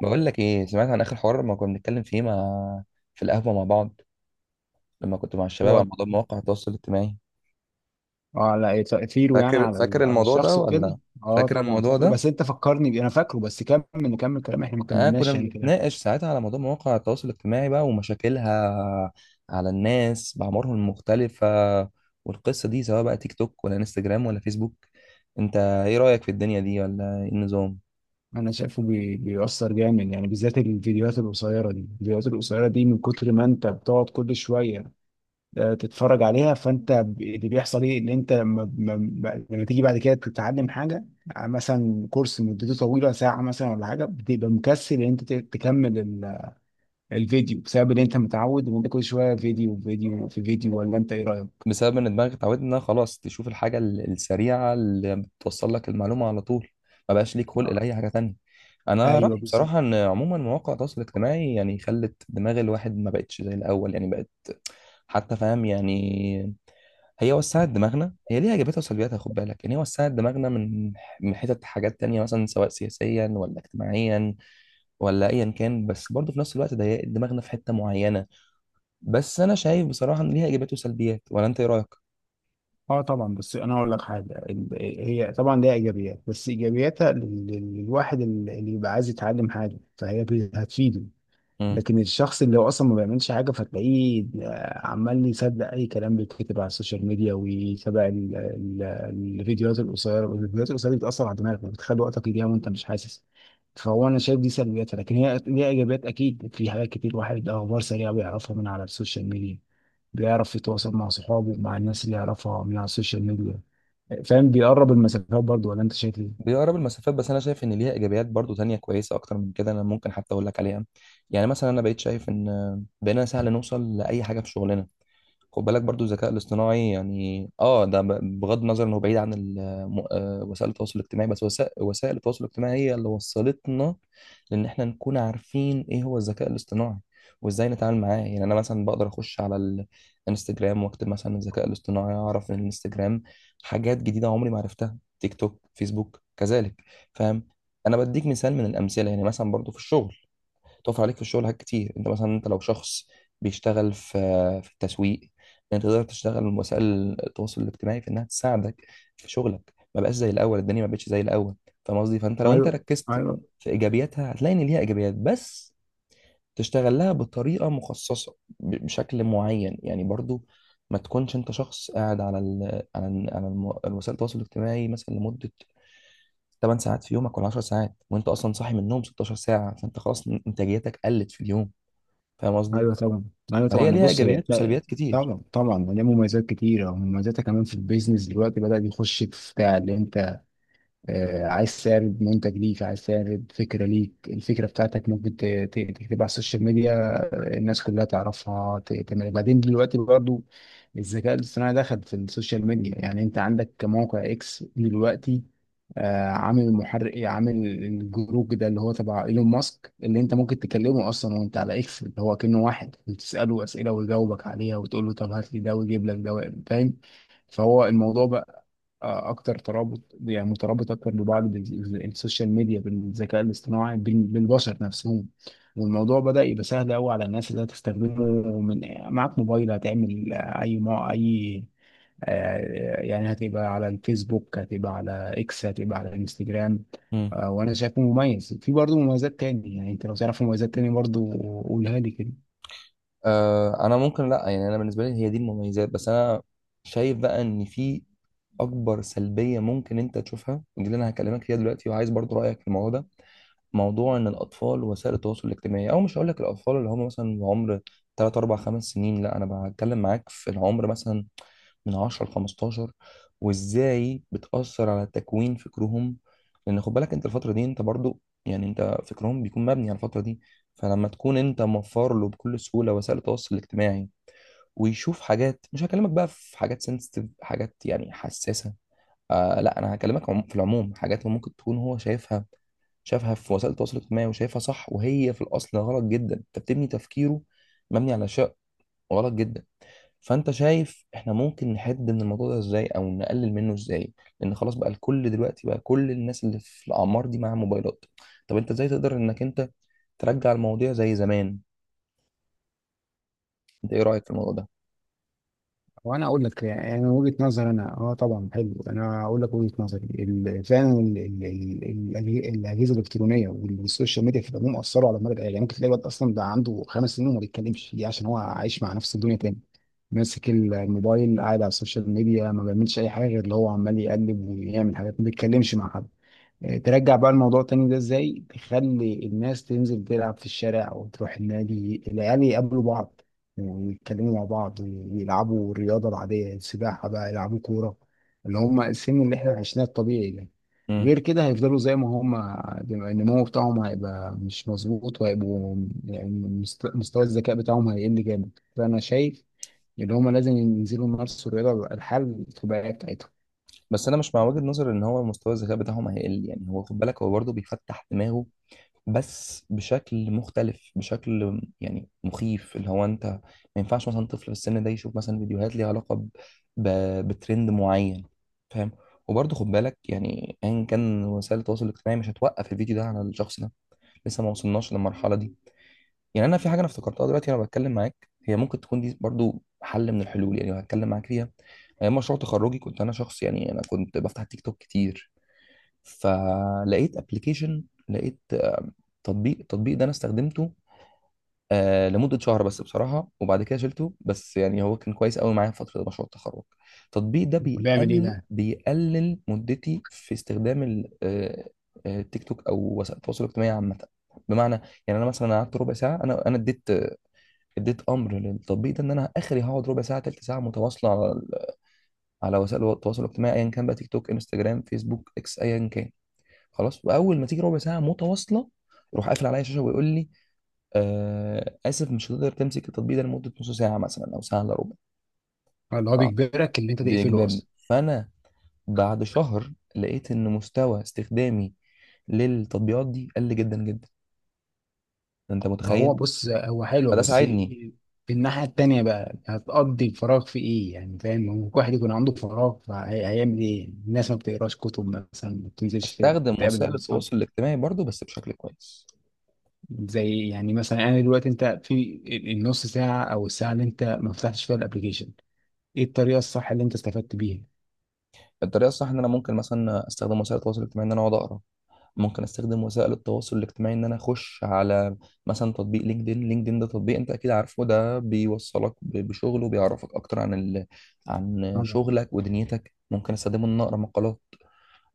بقول لك ايه؟ سمعت عن اخر حوار ما كنا بنتكلم فيه في القهوه مع بعض، لما كنت مع الشباب، هو، على موضوع مواقع التواصل الاجتماعي. اه لا تأثيره فاكر على فاكر على الموضوع ده الشخص ولا؟ وكده. اه فاكر طبعا الموضوع فاكره، ده. بس انت فكرني بيه، انا فاكره. بس كمل، نكمل كلام احنا ما اه، كنا كملناش كده. بنتناقش ساعتها على موضوع مواقع التواصل الاجتماعي بقى، ومشاكلها على الناس بأعمارهم المختلفه، والقصه دي سواء بقى تيك توك ولا انستجرام ولا فيسبوك. انت ايه رأيك في الدنيا دي، ولا ايه النظام؟ انا شايفه بيأثر جامد، بالذات الفيديوهات القصيرة دي. الفيديوهات القصيرة دي من كتر ما انت بتقعد كل شوية تتفرج عليها، فانت اللي بيحصل ايه ان انت لما تيجي بعد كده تتعلم حاجة مثلا كورس مدته طويلة ساعة مثلا ولا حاجة، بتبقى مكسل ان انت تكمل الفيديو بسبب ان انت متعود ان انت كل شويه فيديو فيديو في فيديو. ولا انت ايه رايك؟ بسبب ان دماغك اتعودت انها خلاص تشوف الحاجه السريعه اللي بتوصل لك المعلومه على طول. ما بقاش ليك خلق لاي حاجه تانية. انا ايوه رايي بالظبط. بصراحه ان عموما مواقع التواصل الاجتماعي يعني خلت دماغ الواحد ما بقتش زي الاول، يعني بقت حتى، فاهم؟ يعني هي وسعت دماغنا، هي ليها ايجابياتها وسلبياتها، خد بالك. يعني هي وسعت دماغنا من حتت حاجات تانية، مثلا سواء سياسيا ولا اجتماعيا ولا ايا كان. بس برضه في نفس الوقت ضيقت دماغنا في حته معينه. بس انا شايف بصراحه ان ليها ايجابيات وسلبيات، ولا انت ايه رايك؟ اه طبعا، بس انا اقول لك حاجه. هي طبعا ليها ايجابيات، بس ايجابياتها للواحد اللي يبقى عايز يتعلم حاجه، فهي هتفيده. لكن الشخص اللي هو اصلا ما بيعملش حاجه، فتلاقيه عمال يصدق اي كلام بيتكتب على السوشيال ميديا، ويتابع الفيديوهات القصيره. والفيديوهات القصيره دي بتاثر على دماغك، بتخلي وقتك يضيع وانت مش حاسس. فهو انا شايف دي سلبياتها، لكن هي ليها ايجابيات اكيد في حاجات كتير. واحد اخبار سريعه بيعرفها من على السوشيال ميديا، بيعرف يتواصل مع صحابه، مع الناس اللي يعرفها من على السوشيال ميديا. فاهم؟ بيقرب المسافات برضه. ولا انت شايف ايه؟ بيقرب المسافات. بس انا شايف ان ليها ايجابيات برضو تانية كويسه اكتر من كده، انا ممكن حتى اقول لك عليها. يعني مثلا انا بقيت شايف ان بقينا سهل نوصل لاي حاجه في شغلنا. خد بالك برضو الذكاء الاصطناعي، يعني اه ده بغض النظر انه بعيد عن وسائل التواصل الاجتماعي. بس وسائل التواصل الاجتماعي هي اللي وصلتنا، لان احنا نكون عارفين ايه هو الذكاء الاصطناعي، وازاي نتعامل معاه. يعني انا مثلا بقدر اخش على الانستجرام، واكتب مثلا الذكاء الاصطناعي، اعرف ان الانستجرام حاجات جديده عمري ما عرفتها. تيك توك، فيسبوك، كذلك. فاهم؟ انا بديك مثال من الامثله. يعني مثلا برضو في الشغل، بتقف عليك في الشغل حاجات كتير. انت مثلا، انت لو شخص بيشتغل في التسويق، إن انت تقدر تشتغل من وسائل التواصل الاجتماعي في انها تساعدك في شغلك. ما بقاش زي الاول، الدنيا ما بقتش زي الاول. فاهم قصدي؟ فانت لو انت ايوه. ركزت ايوه. في ايجابياتها هتلاقي ان ليها ايجابيات، بس تشتغل لها بطريقه مخصصه بشكل معين. يعني برضو ما تكونش انت شخص قاعد على ال على ال على الم- وسائل التواصل الاجتماعي مثلا لمده 8 ساعات في يومك ولا 10 ساعات، وانت اصلا صاحي من النوم 16 ساعه، فانت خلاص انتاجيتك قلت في اليوم. فاهم قصدي؟ ايوه طبعا. ايوه فهي طبعا، ليها بص، هي ايجابيات تلاقي وسلبيات كتير. طبعا طبعا ليها مميزات كتيره، ومميزاتها كمان في البيزنس دلوقتي بدأ يخش في بتاع، اللي انت عايز تعرض منتج ليك، عايز تعرض فكرة ليك، الفكرة بتاعتك ممكن تكتبها على السوشيال ميديا الناس كلها تعرفها تعمل. بعدين دلوقتي برضو الذكاء الاصطناعي دخل في السوشيال ميديا، انت عندك موقع اكس دلوقتي عامل محرك، عامل الجروب ده اللي هو تبع ايلون ماسك، اللي انت ممكن تكلمه اصلا وانت على اكس، اللي هو كأنه واحد، وتسأله اسئلة ويجاوبك عليها، وتقول له طب هات لي ده ويجيب لك ده. فاهم؟ فهو الموضوع بقى اكتر ترابط، مترابط اكتر ببعض السوشيال ميديا بالذكاء الاصطناعي بالبشر نفسهم. والموضوع بدأ يبقى سهل قوي على الناس اللي هتستخدمه. من معاك موبايل هتعمل آه، اي ما اي آه، يعني هتبقى على الفيسبوك، هتبقى على اكس، هتبقى على الانستجرام مم. وانا شايفه مميز. في برضه مميزات تاني، يعني انت لو تعرف مميزات تاني برضه قولها لي كده. آه، انا ممكن لا، يعني انا بالنسبه لي هي دي المميزات. بس انا شايف بقى ان في اكبر سلبيه ممكن انت تشوفها، ودي اللي انا هكلمك فيها دلوقتي، وعايز برضو رايك في الموضوع ده. موضوع ان الاطفال وسائل التواصل الاجتماعي، او مش هقول لك الاطفال اللي هم مثلا عمر 3 4 5 سنين، لا، انا بتكلم معاك في العمر مثلا من 10 ل 15، وازاي بتأثر على تكوين فكرهم. لان خد بالك انت الفترة دي انت برضو، يعني انت فكرهم بيكون مبني على الفترة دي. فلما تكون انت موفر له بكل سهولة وسائل التواصل الاجتماعي، ويشوف حاجات، مش هكلمك بقى في حاجات سنسيتيف، حاجات يعني حساسة، آه لا، انا هكلمك في العموم، حاجات ممكن تكون هو شايفها، شافها في وسائل التواصل الاجتماعي وشايفها صح، وهي في الاصل غلط جدا. انت بتبني تفكيره مبني على شيء غلط جدا. فانت شايف احنا ممكن نحد من الموضوع ده ازاي، او نقلل منه ازاي؟ لان خلاص بقى الكل دلوقتي، بقى كل الناس اللي في الاعمار دي معاها موبايلات. طب انت ازاي تقدر انك انت ترجع المواضيع زي زمان؟ انت ايه رايك في الموضوع ده؟ وانا اقول لك، من وجهه نظري انا، طبعا حلو. انا اقول لك وجهه نظري فعلا الاجهزه الالكترونيه والسوشيال ميديا في العموم اثروا على المدى القريب. يعني ممكن تلاقي واحد اصلا ده عنده خمس سنين وما بيتكلمش، دي عشان هو عايش مع نفسه الدنيا تاني، ماسك الموبايل، قاعد على السوشيال ميديا، ما بيعملش اي حاجه غير اللي هو عمال يقلب ويعمل حاجات، ما بيتكلمش مع حد. ترجع بقى الموضوع تاني ده ازاي؟ تخلي الناس تنزل تلعب في الشارع وتروح النادي، العيال يقابلوا بعض ويتكلموا مع بعض، ويلعبوا الرياضة العادية، السباحة بقى، يلعبوا كورة، اللي هم السن اللي احنا عشناه الطبيعي ده. امم. غير كده هيفضلوا زي ما هم، النمو بتاعهم هيبقى مش مظبوط، وهيبقوا مستوى الذكاء بتاعهم هيقل جامد. فأنا شايف إن هم لازم ينزلوا يمارسوا الرياضة، الحل الطبيعية بتاعتهم. بس انا مش مع وجهة نظر ان هو مستوى الذكاء بتاعهم هيقل، يعني هو خد بالك هو برضه بيفتح دماغه، بس بشكل مختلف، بشكل يعني مخيف. اللي هو انت ما ينفعش مثلا طفل في السن ده يشوف مثلا فيديوهات ليها علاقة ب... بترند معين. فاهم؟ وبرضه خد بالك يعني ايا كان، وسائل التواصل الاجتماعي مش هتوقف الفيديو ده على الشخص ده، لسه ما وصلناش للمرحلة دي. يعني انا في حاجة انا افتكرتها دلوقتي وانا بتكلم معاك، هي ممكن تكون دي برضه حل من الحلول، يعني هتكلم معاك فيها. ايام مشروع تخرجي كنت انا شخص، يعني انا كنت بفتح تيك توك كتير، فلقيت ابلكيشن لقيت تطبيق. التطبيق ده انا استخدمته لمدة شهر بس بصراحة، وبعد كده شلته. بس يعني هو كان كويس قوي معايا في فترة مشروع التخرج. التطبيق ده بيعمل إيه بيقل بقى؟ بيقلل مدتي في استخدام التيك توك أو وسائل التواصل الاجتماعي عامة. بمعنى، يعني أنا مثلا قعدت ربع ساعة، أنا اديت أمر للتطبيق ده إن أنا آخري هقعد ربع ساعة، تلت ساعة متواصلة على وسائل التواصل الاجتماعي أيا كان، بقى تيك توك، انستجرام، فيسبوك، إكس، أيا كان. خلاص، وأول ما تيجي ربع ساعة متواصلة، يروح قافل عليا الشاشة، ويقول لي: اسف، مش هتقدر تمسك التطبيق ده لمده نص ساعه مثلا او ساعه الا ربع. اللي هو آه، بيجبرك إن أنت تقفله بيجبرني. أصلا. فانا بعد شهر لقيت ان مستوى استخدامي للتطبيقات دي قل جدا جدا. انت ما هو متخيل؟ بص، هو حلو، فده بس ساعدني في الناحية التانية بقى هتقضي الفراغ في ايه؟ يعني فاهم، ممكن واحد يكون عنده فراغ، فهيعمل ايه؟ الناس ما بتقراش كتب مثلا، ما بتنزلش استخدم تتقابل وسائل مع اصحاب. التواصل الاجتماعي برضو بس بشكل كويس. زي يعني مثلا انا دلوقتي، انت في النص ساعة او الساعة اللي انت ما فتحتش فيها الابليكيشن، ايه الطريقة الصح اللي انت استفدت بيها؟ الطريقه الصح ان انا ممكن مثلا استخدم وسائل التواصل الاجتماعي ان انا اقعد اقرا، ممكن استخدم وسائل التواصل الاجتماعي ان انا اخش على مثلا تطبيق لينكدين ده تطبيق انت اكيد عارفه، ده بيوصلك بشغل، وبيعرفك اكتر عن طبعاً. شغلك ودنيتك. ممكن استخدمه ان أنا اقرا مقالات،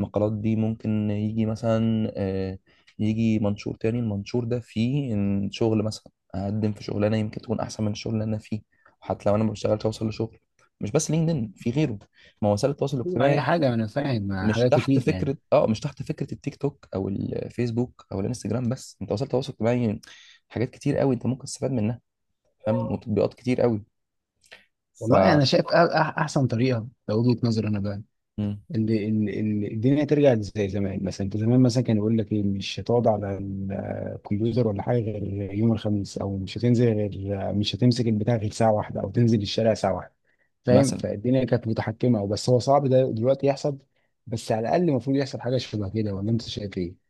المقالات دي ممكن يجي مثلا، يجي منشور تاني. المنشور ده فيه إن شغل مثلا اقدم في شغلانه يمكن تكون احسن من الشغل اللي انا فيه، وحتى لو انا ما بشتغلش اوصل لشغل. مش بس لينكدين، في غيره، ما هو وسائل التواصل اي الاجتماعي، حاجة، انا فاهم، مش حاجات تحت كتير يعني. فكره، اه مش تحت فكره التيك توك او الفيسبوك او الانستجرام بس، انت وسائل التواصل الاجتماعي حاجات كتير قوي انت ممكن تستفاد منها. فاهم؟ وتطبيقات كتير قوي. ف والله انا شايف احسن طريقة، لو وجهة نظري انا بقى، مم. ان الدنيا ترجع زي زمان. مثلا انت زمان مثلا كان يقول لك ايه، مش هتقعد على الكمبيوتر ولا حاجه غير يوم الخميس، او مش هتنزل غير، مش هتمسك البتاع غير ساعه واحده، او تنزل الشارع ساعه واحده. فاهم؟ مثلا. فالدنيا كانت متحكمه. بس هو صعب ده دلوقتي يحصل، بس على الاقل المفروض يحصل حاجه شبه كده. ولا انت شايف ايه؟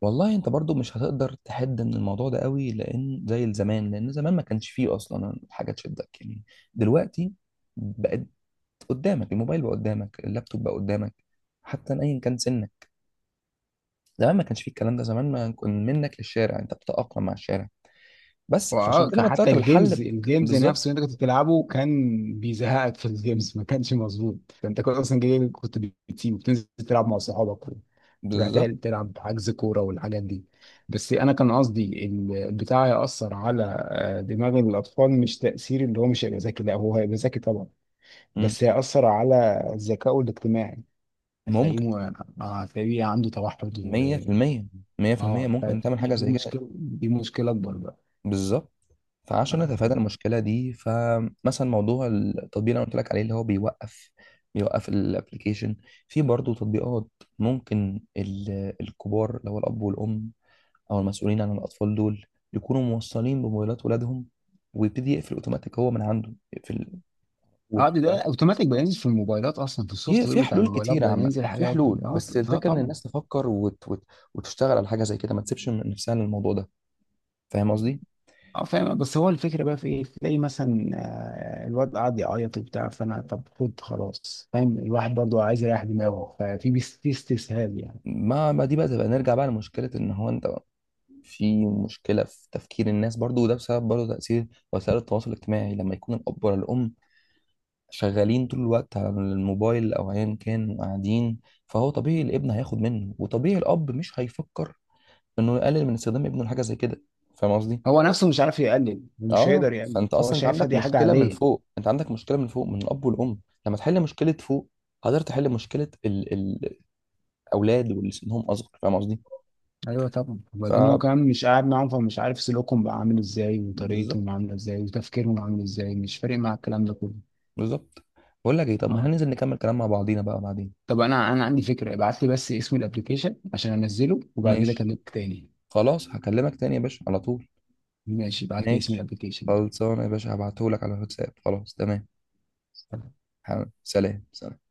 والله انت برضو مش هتقدر تحد من الموضوع ده قوي، لان زي زمان، لان زمان ما كانش فيه اصلا حاجه تشدك، يعني دلوقتي بقت قدامك الموبايل، بقى قدامك اللابتوب، بقى قدامك حتى، ايا كان سنك. زمان ما كانش فيه الكلام ده، زمان ما كان منك للشارع، انت بتتاقلم مع الشارع بس. فعشان واه، كده كان انا حتى طلعت بالحل الجيمز، الجيمز بالظبط. نفسه اللي انت كنت بتلعبه كان بيزهقك. في الجيمز ما كانش مظبوط، انت كنت اصلا جاي، كنت بتسيب وبتنزل تلعب مع صحابك، وتروح بالظبط. تلعب حجز كوره والحاجات دي. بس انا كان قصدي البتاع ياثر على دماغ الاطفال، مش تاثير اللي هو مش هيبقى ذكي، لا هو هيبقى ذكي طبعا، مم. بس هياثر على ذكائه الاجتماعي. هتلاقيه ممكن. هتلاقيه عنده توحد و 100%. 100% اه ممكن فدي- تعمل حاجه دي زي كده. مشكله، دي مشكله اكبر بالظبط. فعشان بقى. نتفادى المشكله دي، فمثلا موضوع التطبيق اللي انا قلت لك عليه، اللي هو بيوقف، بيوقف الابلكيشن. في برضه تطبيقات ممكن الكبار اللي هو الاب والام او المسؤولين عن الاطفال دول يكونوا موصلين بموبايلات ولادهم، ويبتدي يقفل اوتوماتيك هو من عنده، اه ده يقفل. ده اوتوماتيك بقى ينزل في الموبايلات، اصلا في في السوفت وير في بتاع حلول الموبايلات كتيرة بقى عامة، ينزل في الحاجات دي. حلول، اه بس ط- اه الفكرة إن طبعا. الناس تفكر، وتشتغل على حاجة زي كده، ما تسيبش من نفسها للموضوع ده. فاهم قصدي؟ اه فاهم، بس هو الفكره بقى في ايه؟ تلاقي مثلا الواد قاعد يعيط وبتاع، فانا طب خد خلاص. فاهم، الواحد برضه عايز يريح دماغه، ففي في استسهال يعني. ما دي بقى تبقى نرجع بقى لمشكلة إن هو أنت في مشكلة في تفكير الناس برضو، وده بسبب برضو تأثير وسائل التواصل الاجتماعي. لما يكون الأب ولا الأم شغالين طول الوقت على الموبايل أو أيا كان، وقاعدين، فهو طبيعي الابن هياخد منه، وطبيعي الأب مش هيفكر إنه يقلل من استخدام ابنه لحاجة زي كده. فاهم قصدي؟ هو نفسه مش عارف يقلل ومش اه، هيقدر يقلل، فانت فهو اصلا انت شايفها عندك دي حاجه مشكله من عاديه. فوق، انت عندك مشكله من فوق من الاب والام. لما تحل مشكله فوق، قدرت تحل مشكله الاولاد واللي سنهم اصغر. فاهم قصدي؟ ايوه طبعا، ف وبعدين هو كمان مش قاعد معاهم، فمش عارف سلوكهم بقى عامل ازاي، بالظبط. وطريقتهم عامله ازاي، وتفكيرهم عامل ازاي. مش فارق مع الكلام ده كله. بالظبط. بقول لك ايه، طب ما اه. هننزل نكمل كلام مع بعضينا بقى بعدين. طب انا عندي فكره، ابعت لي بس اسم الابلكيشن عشان انزله، وبعد كده ماشي. اكلمك تاني. خلاص هكلمك تاني يا باشا على طول. ماشي، ابعت لي اسم ماشي. الابلكيشن. خلصانه يا باشا، هبعتهولك على الواتساب. خلاص تمام. حاضر. سلام سلام.